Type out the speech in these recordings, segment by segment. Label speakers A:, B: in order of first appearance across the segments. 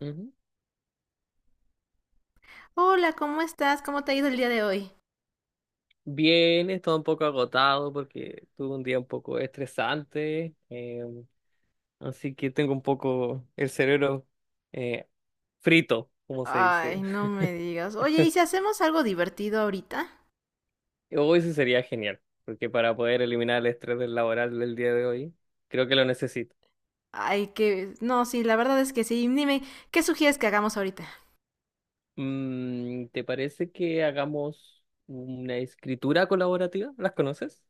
A: Ujú.
B: Hola, ¿cómo estás? ¿Cómo te ha ido el día de hoy?
A: Bien, estaba un poco agotado porque tuve un día un poco estresante, así que tengo un poco el cerebro eh, frito, como se dice.
B: Ay, no me digas. Oye, ¿y si hacemos algo divertido ahorita?
A: Hoy sí sería genial, porque para poder eliminar el estrés del laboral del día de hoy, creo que lo necesito.
B: Ay, que... No, sí, la verdad es que sí. Dime, ¿qué sugieres que hagamos ahorita?
A: Mm, ¿te parece que hagamos una escritura colaborativa? ¿Las conoces?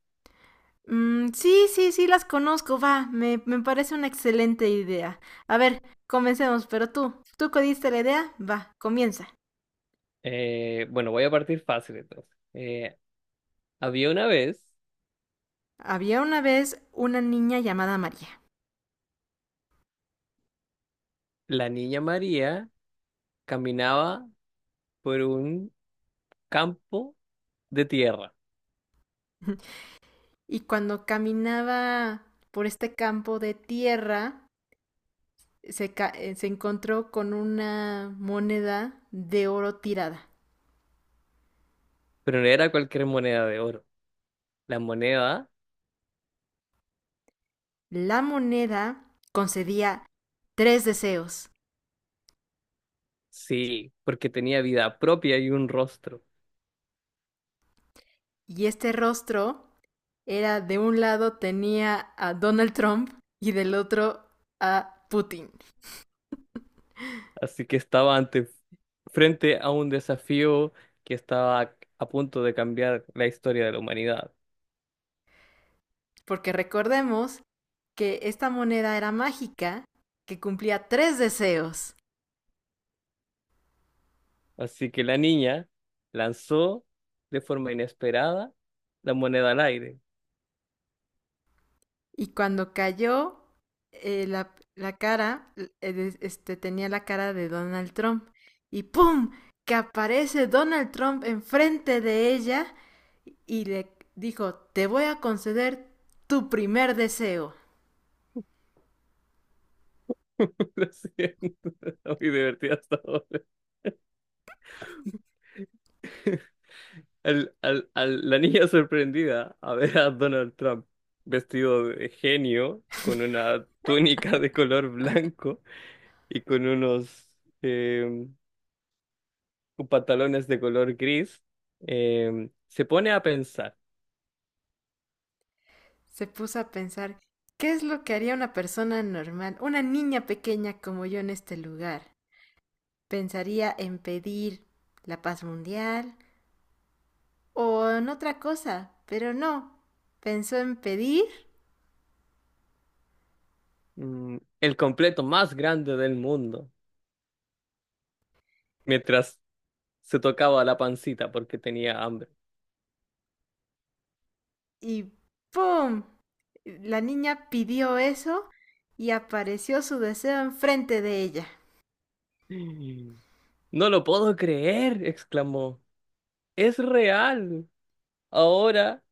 B: Mm, sí, sí, sí, las conozco, va. Me parece una excelente idea. A ver, comencemos, pero tú que diste la idea, va, comienza.
A: Bueno, voy a partir fácil entonces. Había una vez,
B: Había una vez una niña llamada María.
A: la niña María caminaba por un campo de tierra,
B: Y cuando caminaba por este campo de tierra, se encontró con una moneda de oro tirada.
A: pero no era cualquier moneda de oro. La moneda,
B: La moneda concedía tres deseos
A: sí, porque tenía vida propia y un rostro.
B: y este rostro era de un lado tenía a Donald Trump y del otro a Putin.
A: Así que frente a un desafío que estaba a punto de cambiar la historia de la humanidad.
B: Porque recordemos que esta moneda era mágica que cumplía tres deseos.
A: Así que la niña lanzó de forma inesperada la moneda al aire.
B: Y cuando cayó, la cara, tenía la cara de Donald Trump. Y ¡pum! Que aparece Donald Trump enfrente de ella y le dijo, te voy a conceder tu primer deseo.
A: Lo siento, muy divertida hasta ahora. La niña sorprendida a ver a Donald Trump vestido de genio, con una túnica de color blanco y con unos eh, pantalones de color gris, se pone a pensar,
B: Se puso a pensar, ¿qué es lo que haría una persona normal, una niña pequeña como yo en este lugar? Pensaría en pedir la paz mundial o en otra cosa, pero no. Pensó en pedir
A: mm, el completo más grande del mundo, mientras se tocaba la pancita porque tenía hambre.
B: y ¡pum! La niña pidió eso y apareció su deseo enfrente de ella.
A: Mm. No lo puedo creer, exclamó. Es real. Ahora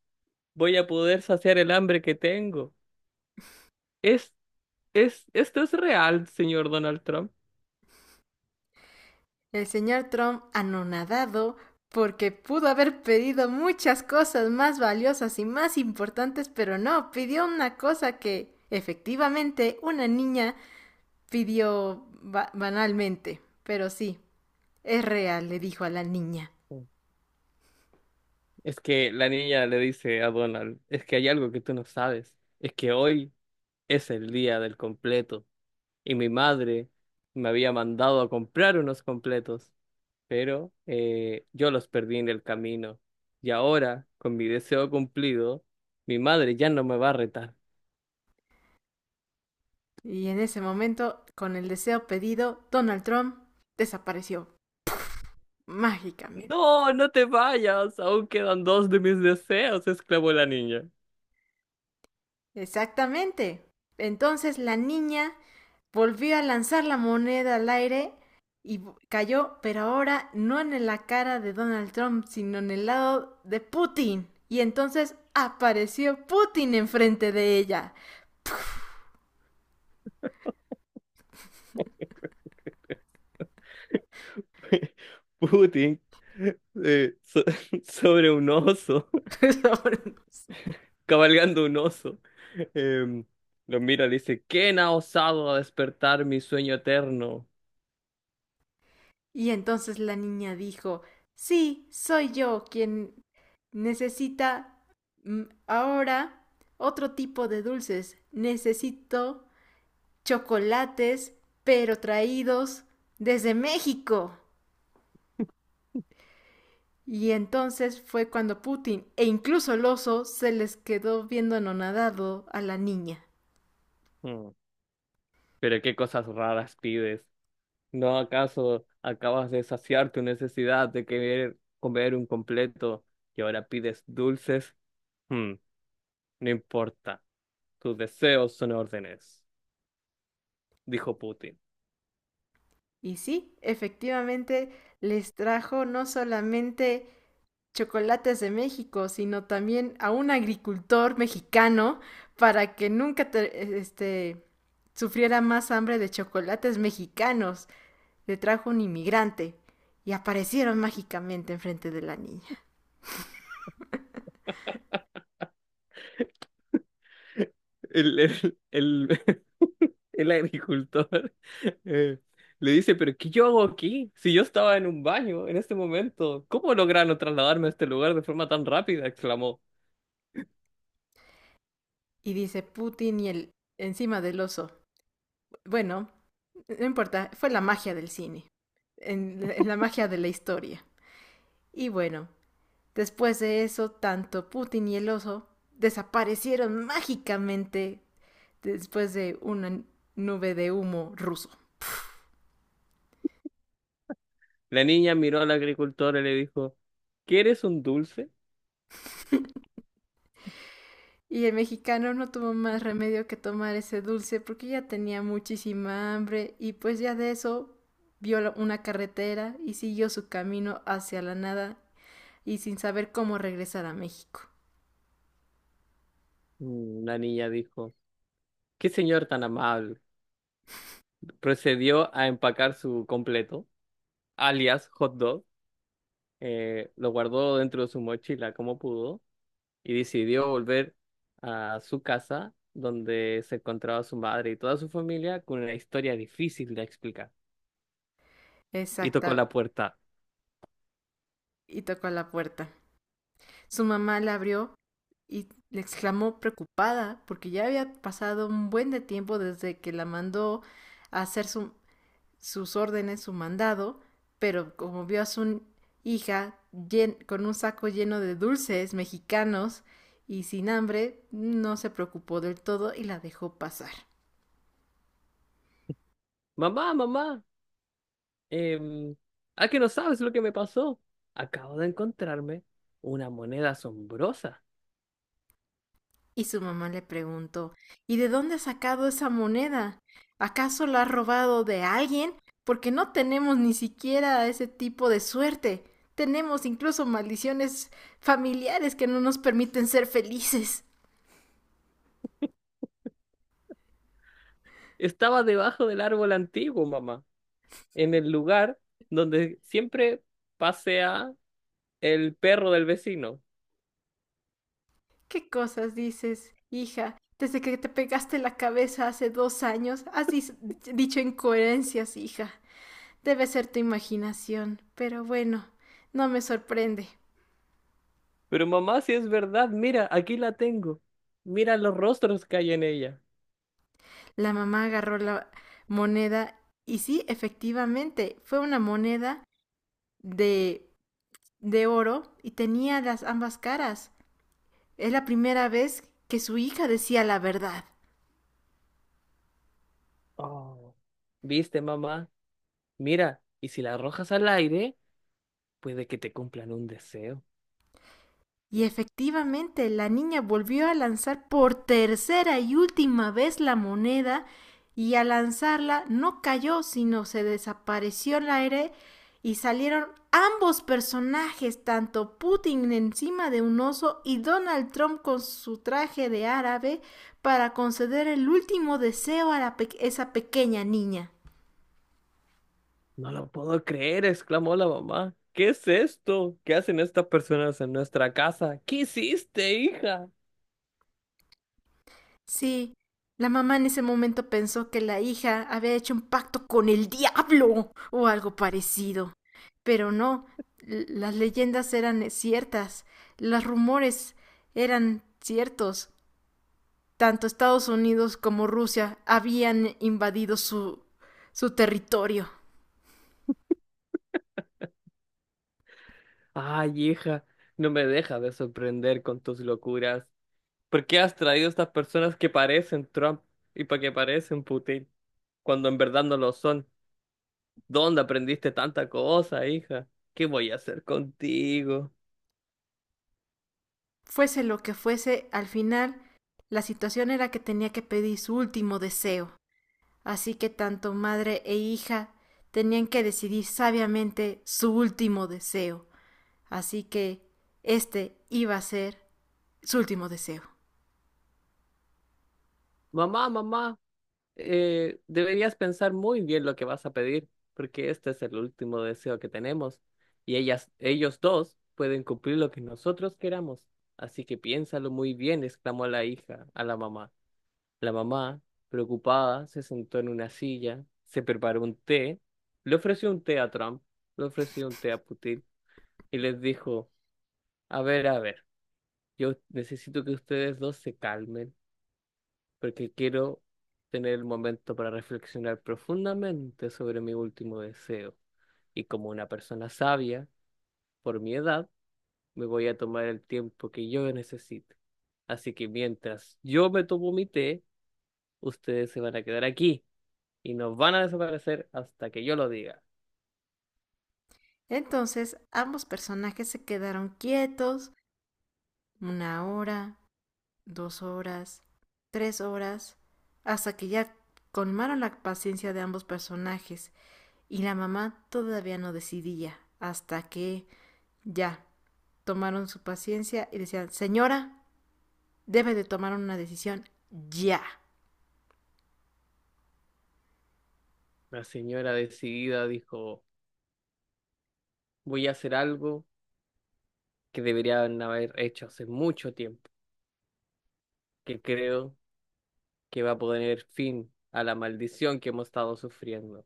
A: voy a poder saciar el hambre que tengo. Es, esto es real, señor Donald Trump.
B: El señor Trump, anonadado, porque pudo haber pedido muchas cosas más valiosas y más importantes, pero no, pidió una cosa que efectivamente una niña pidió ba banalmente. Pero sí, es real, le dijo a la niña.
A: Es que la niña le dice a Donald, es que hay algo que tú no sabes, es que hoy es el día del completo y mi madre me había mandado a comprar unos completos, pero yo los perdí en el camino. Y ahora, con mi deseo cumplido, mi madre ya no me va a retar.
B: Y en ese momento, con el deseo pedido, Donald Trump desapareció mágicamente.
A: No, no te vayas, aún quedan dos de mis deseos, exclamó la niña.
B: Exactamente. Entonces la niña volvió a lanzar la moneda al aire y cayó, pero ahora no en la cara de Donald Trump, sino en el lado de Putin. Y entonces apareció Putin enfrente de ella.
A: Putin, eh, so- sobre un oso, cabalgando un oso, em, lo mira y dice, ¿quién ha osado a despertar mi sueño eterno?
B: Y entonces la niña dijo, sí, soy yo quien necesita ahora otro tipo de dulces. Necesito chocolates, pero traídos desde México. Y entonces fue cuando Putin e incluso el oso se les quedó viendo anonadado a la niña.
A: Mm, pero qué cosas raras pides. ¿No acaso acabas de saciar tu necesidad de querer comer un completo y ahora pides dulces? Hmm, no importa, tus deseos son órdenes, dijo Putin.
B: Y sí, efectivamente les trajo no solamente chocolates de México, sino también a un agricultor mexicano para que nunca sufriera más hambre de chocolates mexicanos. Le trajo un inmigrante y aparecieron mágicamente enfrente de la niña.
A: El, el, el- el agricultor eh, le dice, pero ¿qué yo hago aquí? Si yo estaba en un baño en este momento, ¿cómo lograron trasladarme a este lugar de forma tan rápida?, exclamó.
B: Y dice Putin y el encima del oso. Bueno, no importa, fue la magia del cine, en la magia de la historia. Y bueno, después de eso, tanto Putin y el oso desaparecieron mágicamente después de una nube de humo ruso.
A: La niña miró al agricultor y le dijo, ¿quieres un dulce?
B: Y el mexicano no tuvo más remedio que tomar ese dulce porque ya tenía muchísima hambre y pues ya de eso vio una carretera y siguió su camino hacia la nada y sin saber cómo regresar a México.
A: Mm, la niña dijo. Qué señor tan amable. Procedió a empacar su completo, alias hot dog, lo guardó dentro de su mochila como pudo y decidió volver a su casa donde se encontraba su madre y toda su familia con una historia difícil de explicar. Y tocó
B: Exacta.
A: la puerta.
B: Y tocó a la puerta. Su mamá la abrió y le exclamó preocupada porque ya había pasado un buen de tiempo desde que la mandó a hacer sus órdenes, su mandado, pero como vio a su hija llen, con un saco lleno de dulces mexicanos y sin hambre, no se preocupó del todo y la dejó pasar.
A: Mamá, mamá, em, ¿a que no sabes lo que me pasó? Acabo de encontrarme una moneda asombrosa.
B: Y su mamá le preguntó, ¿y de dónde ha sacado esa moneda? ¿Acaso la ha robado de alguien? Porque no tenemos ni siquiera ese tipo de suerte. Tenemos incluso maldiciones familiares que no nos permiten ser felices.
A: Estaba debajo del árbol antiguo, mamá, en el lugar donde siempre pasea el perro del vecino.
B: ¿Qué cosas dices, hija? Desde que te pegaste la cabeza hace 2 años, has dicho incoherencias, hija. Debe ser tu imaginación. Pero bueno, no me sorprende.
A: Pero mamá, si es verdad, mira, aquí la tengo. Mira los rostros que hay en ella.
B: La mamá agarró la moneda y sí, efectivamente, fue una moneda de, de oro y tenía las ambas caras. Es la primera vez que su hija decía la verdad.
A: Oh. ¿Viste, mamá? Mira, y si la arrojas al aire, puede que te cumplan un deseo.
B: Y efectivamente, la niña volvió a lanzar por tercera y última vez la moneda y al lanzarla no cayó, sino se desapareció el aire y salieron ambos personajes, tanto Putin encima de un oso y Donald Trump con su traje de árabe, para conceder el último deseo a la pe esa pequeña niña.
A: No lo puedo creer, exclamó la mamá. ¿Qué es esto? ¿Qué hacen estas personas en nuestra casa? ¿Qué hiciste, hija?
B: Sí, la mamá en ese momento pensó que la hija había hecho un pacto con el diablo o algo parecido. Pero no, l- las leyendas eran ciertas, los rumores eran ciertos. Tanto Estados Unidos como Rusia habían invadido su territorio.
A: Ay, hija, no me dejas de sorprender con tus locuras. ¿Por qué has traído estas personas que parecen Trump y para que parecen Putin cuando en verdad no lo son? ¿Dónde aprendiste tanta cosa, hija? ¿Qué voy a hacer contigo?
B: Fuese lo que fuese, al final la situación era que tenía que pedir su último deseo. Así que tanto madre e hija tenían que decidir sabiamente su último deseo. Así que este iba a ser su último deseo.
A: Mamá, mamá, deberías pensar muy bien lo que vas a pedir, porque este es el último deseo que tenemos y ellos dos pueden cumplir lo que nosotros queramos. Así que piénsalo muy bien, exclamó la hija a la mamá. La mamá, preocupada, se sentó en una silla, se preparó un té, le ofreció un té a Trump, le ofreció un té a Putin y les dijo, a ver, yo necesito que ustedes dos se calmen porque quiero tener el momento para reflexionar profundamente sobre mi último deseo. Y como una persona sabia, por mi edad, me voy a tomar el tiempo que yo necesite. Así que mientras yo me tomo mi té, ustedes se van a quedar aquí y nos van a desaparecer hasta que yo lo diga.
B: Entonces ambos personajes se quedaron quietos 1 hora, 2 horas, 3 horas, hasta que ya colmaron la paciencia de ambos personajes y la mamá todavía no decidía hasta que ya tomaron su paciencia y decían, señora, debe de tomar una decisión ya.
A: La señora decidida dijo, voy a hacer algo que deberían haber hecho hace mucho tiempo, que creo que va a poner fin a la maldición que hemos estado sufriendo.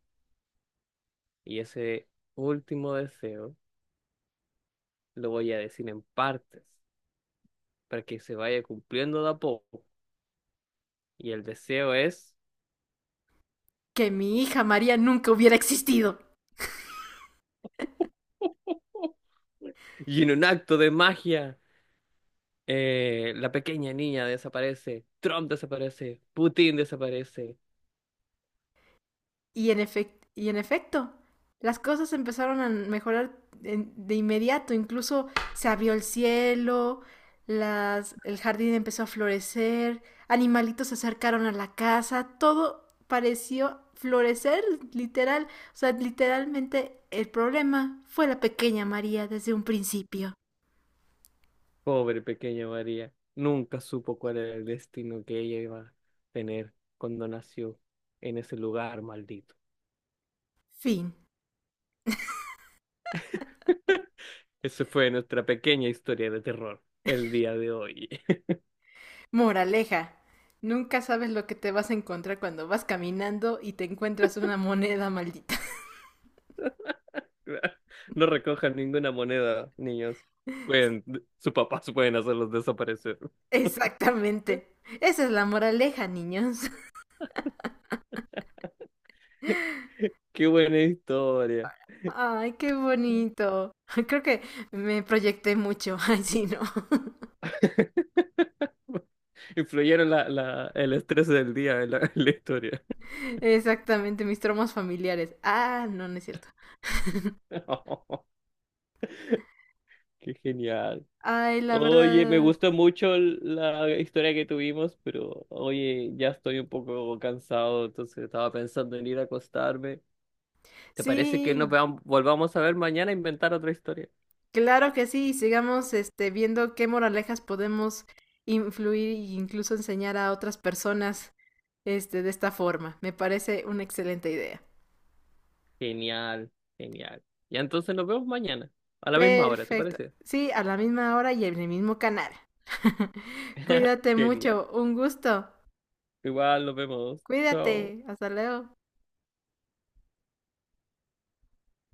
A: Y ese último deseo lo voy a decir en partes, para que se vaya cumpliendo de a poco. Y el deseo es,
B: Que mi hija María nunca hubiera existido.
A: y en un acto de magia, la pequeña niña desaparece, Trump desaparece, Putin desaparece.
B: Y en efecto, las cosas empezaron a mejorar de inmediato. Incluso se abrió el cielo, las, el jardín empezó a florecer, animalitos se acercaron a la casa, todo pareció florecer, literal. O sea, literalmente el problema fue la pequeña María desde un principio.
A: Pobre pequeña María, nunca supo cuál era el destino que ella iba a tener cuando nació en ese lugar maldito.
B: Fin.
A: Esa fue nuestra pequeña historia de terror el día de hoy.
B: Moraleja, nunca sabes lo que te vas a encontrar cuando vas caminando y te encuentras una moneda maldita.
A: No recojan ninguna moneda, niños. Pueden, sus papás pueden hacerlos desaparecer.
B: Exactamente. Esa es la moraleja, niños.
A: Qué buena historia.
B: Ay, qué bonito. Creo que me proyecté mucho. Ay, sí, no.
A: Influyeron el estrés del día en en la historia.
B: Exactamente, mis traumas familiares. Ah, no, no es cierto.
A: Qué genial.
B: Ay, la
A: Oye, me
B: verdad.
A: gustó mucho la historia que tuvimos, pero oye, ya estoy un poco cansado, entonces estaba pensando en ir a acostarme. ¿Te parece que nos
B: Sí,
A: volvamos a ver mañana e inventar otra historia?
B: claro que sí. Sigamos este, viendo qué moralejas podemos influir e incluso enseñar a otras personas este, de esta forma. Me parece una excelente idea.
A: Genial, genial. Ya entonces nos vemos mañana, a la misma hora, ¿te
B: Perfecto.
A: parece?
B: Sí, a la misma hora y en el mismo canal. Cuídate
A: Genial.
B: mucho. Un gusto.
A: Igual nos vemos. Chao.
B: Cuídate. Hasta luego.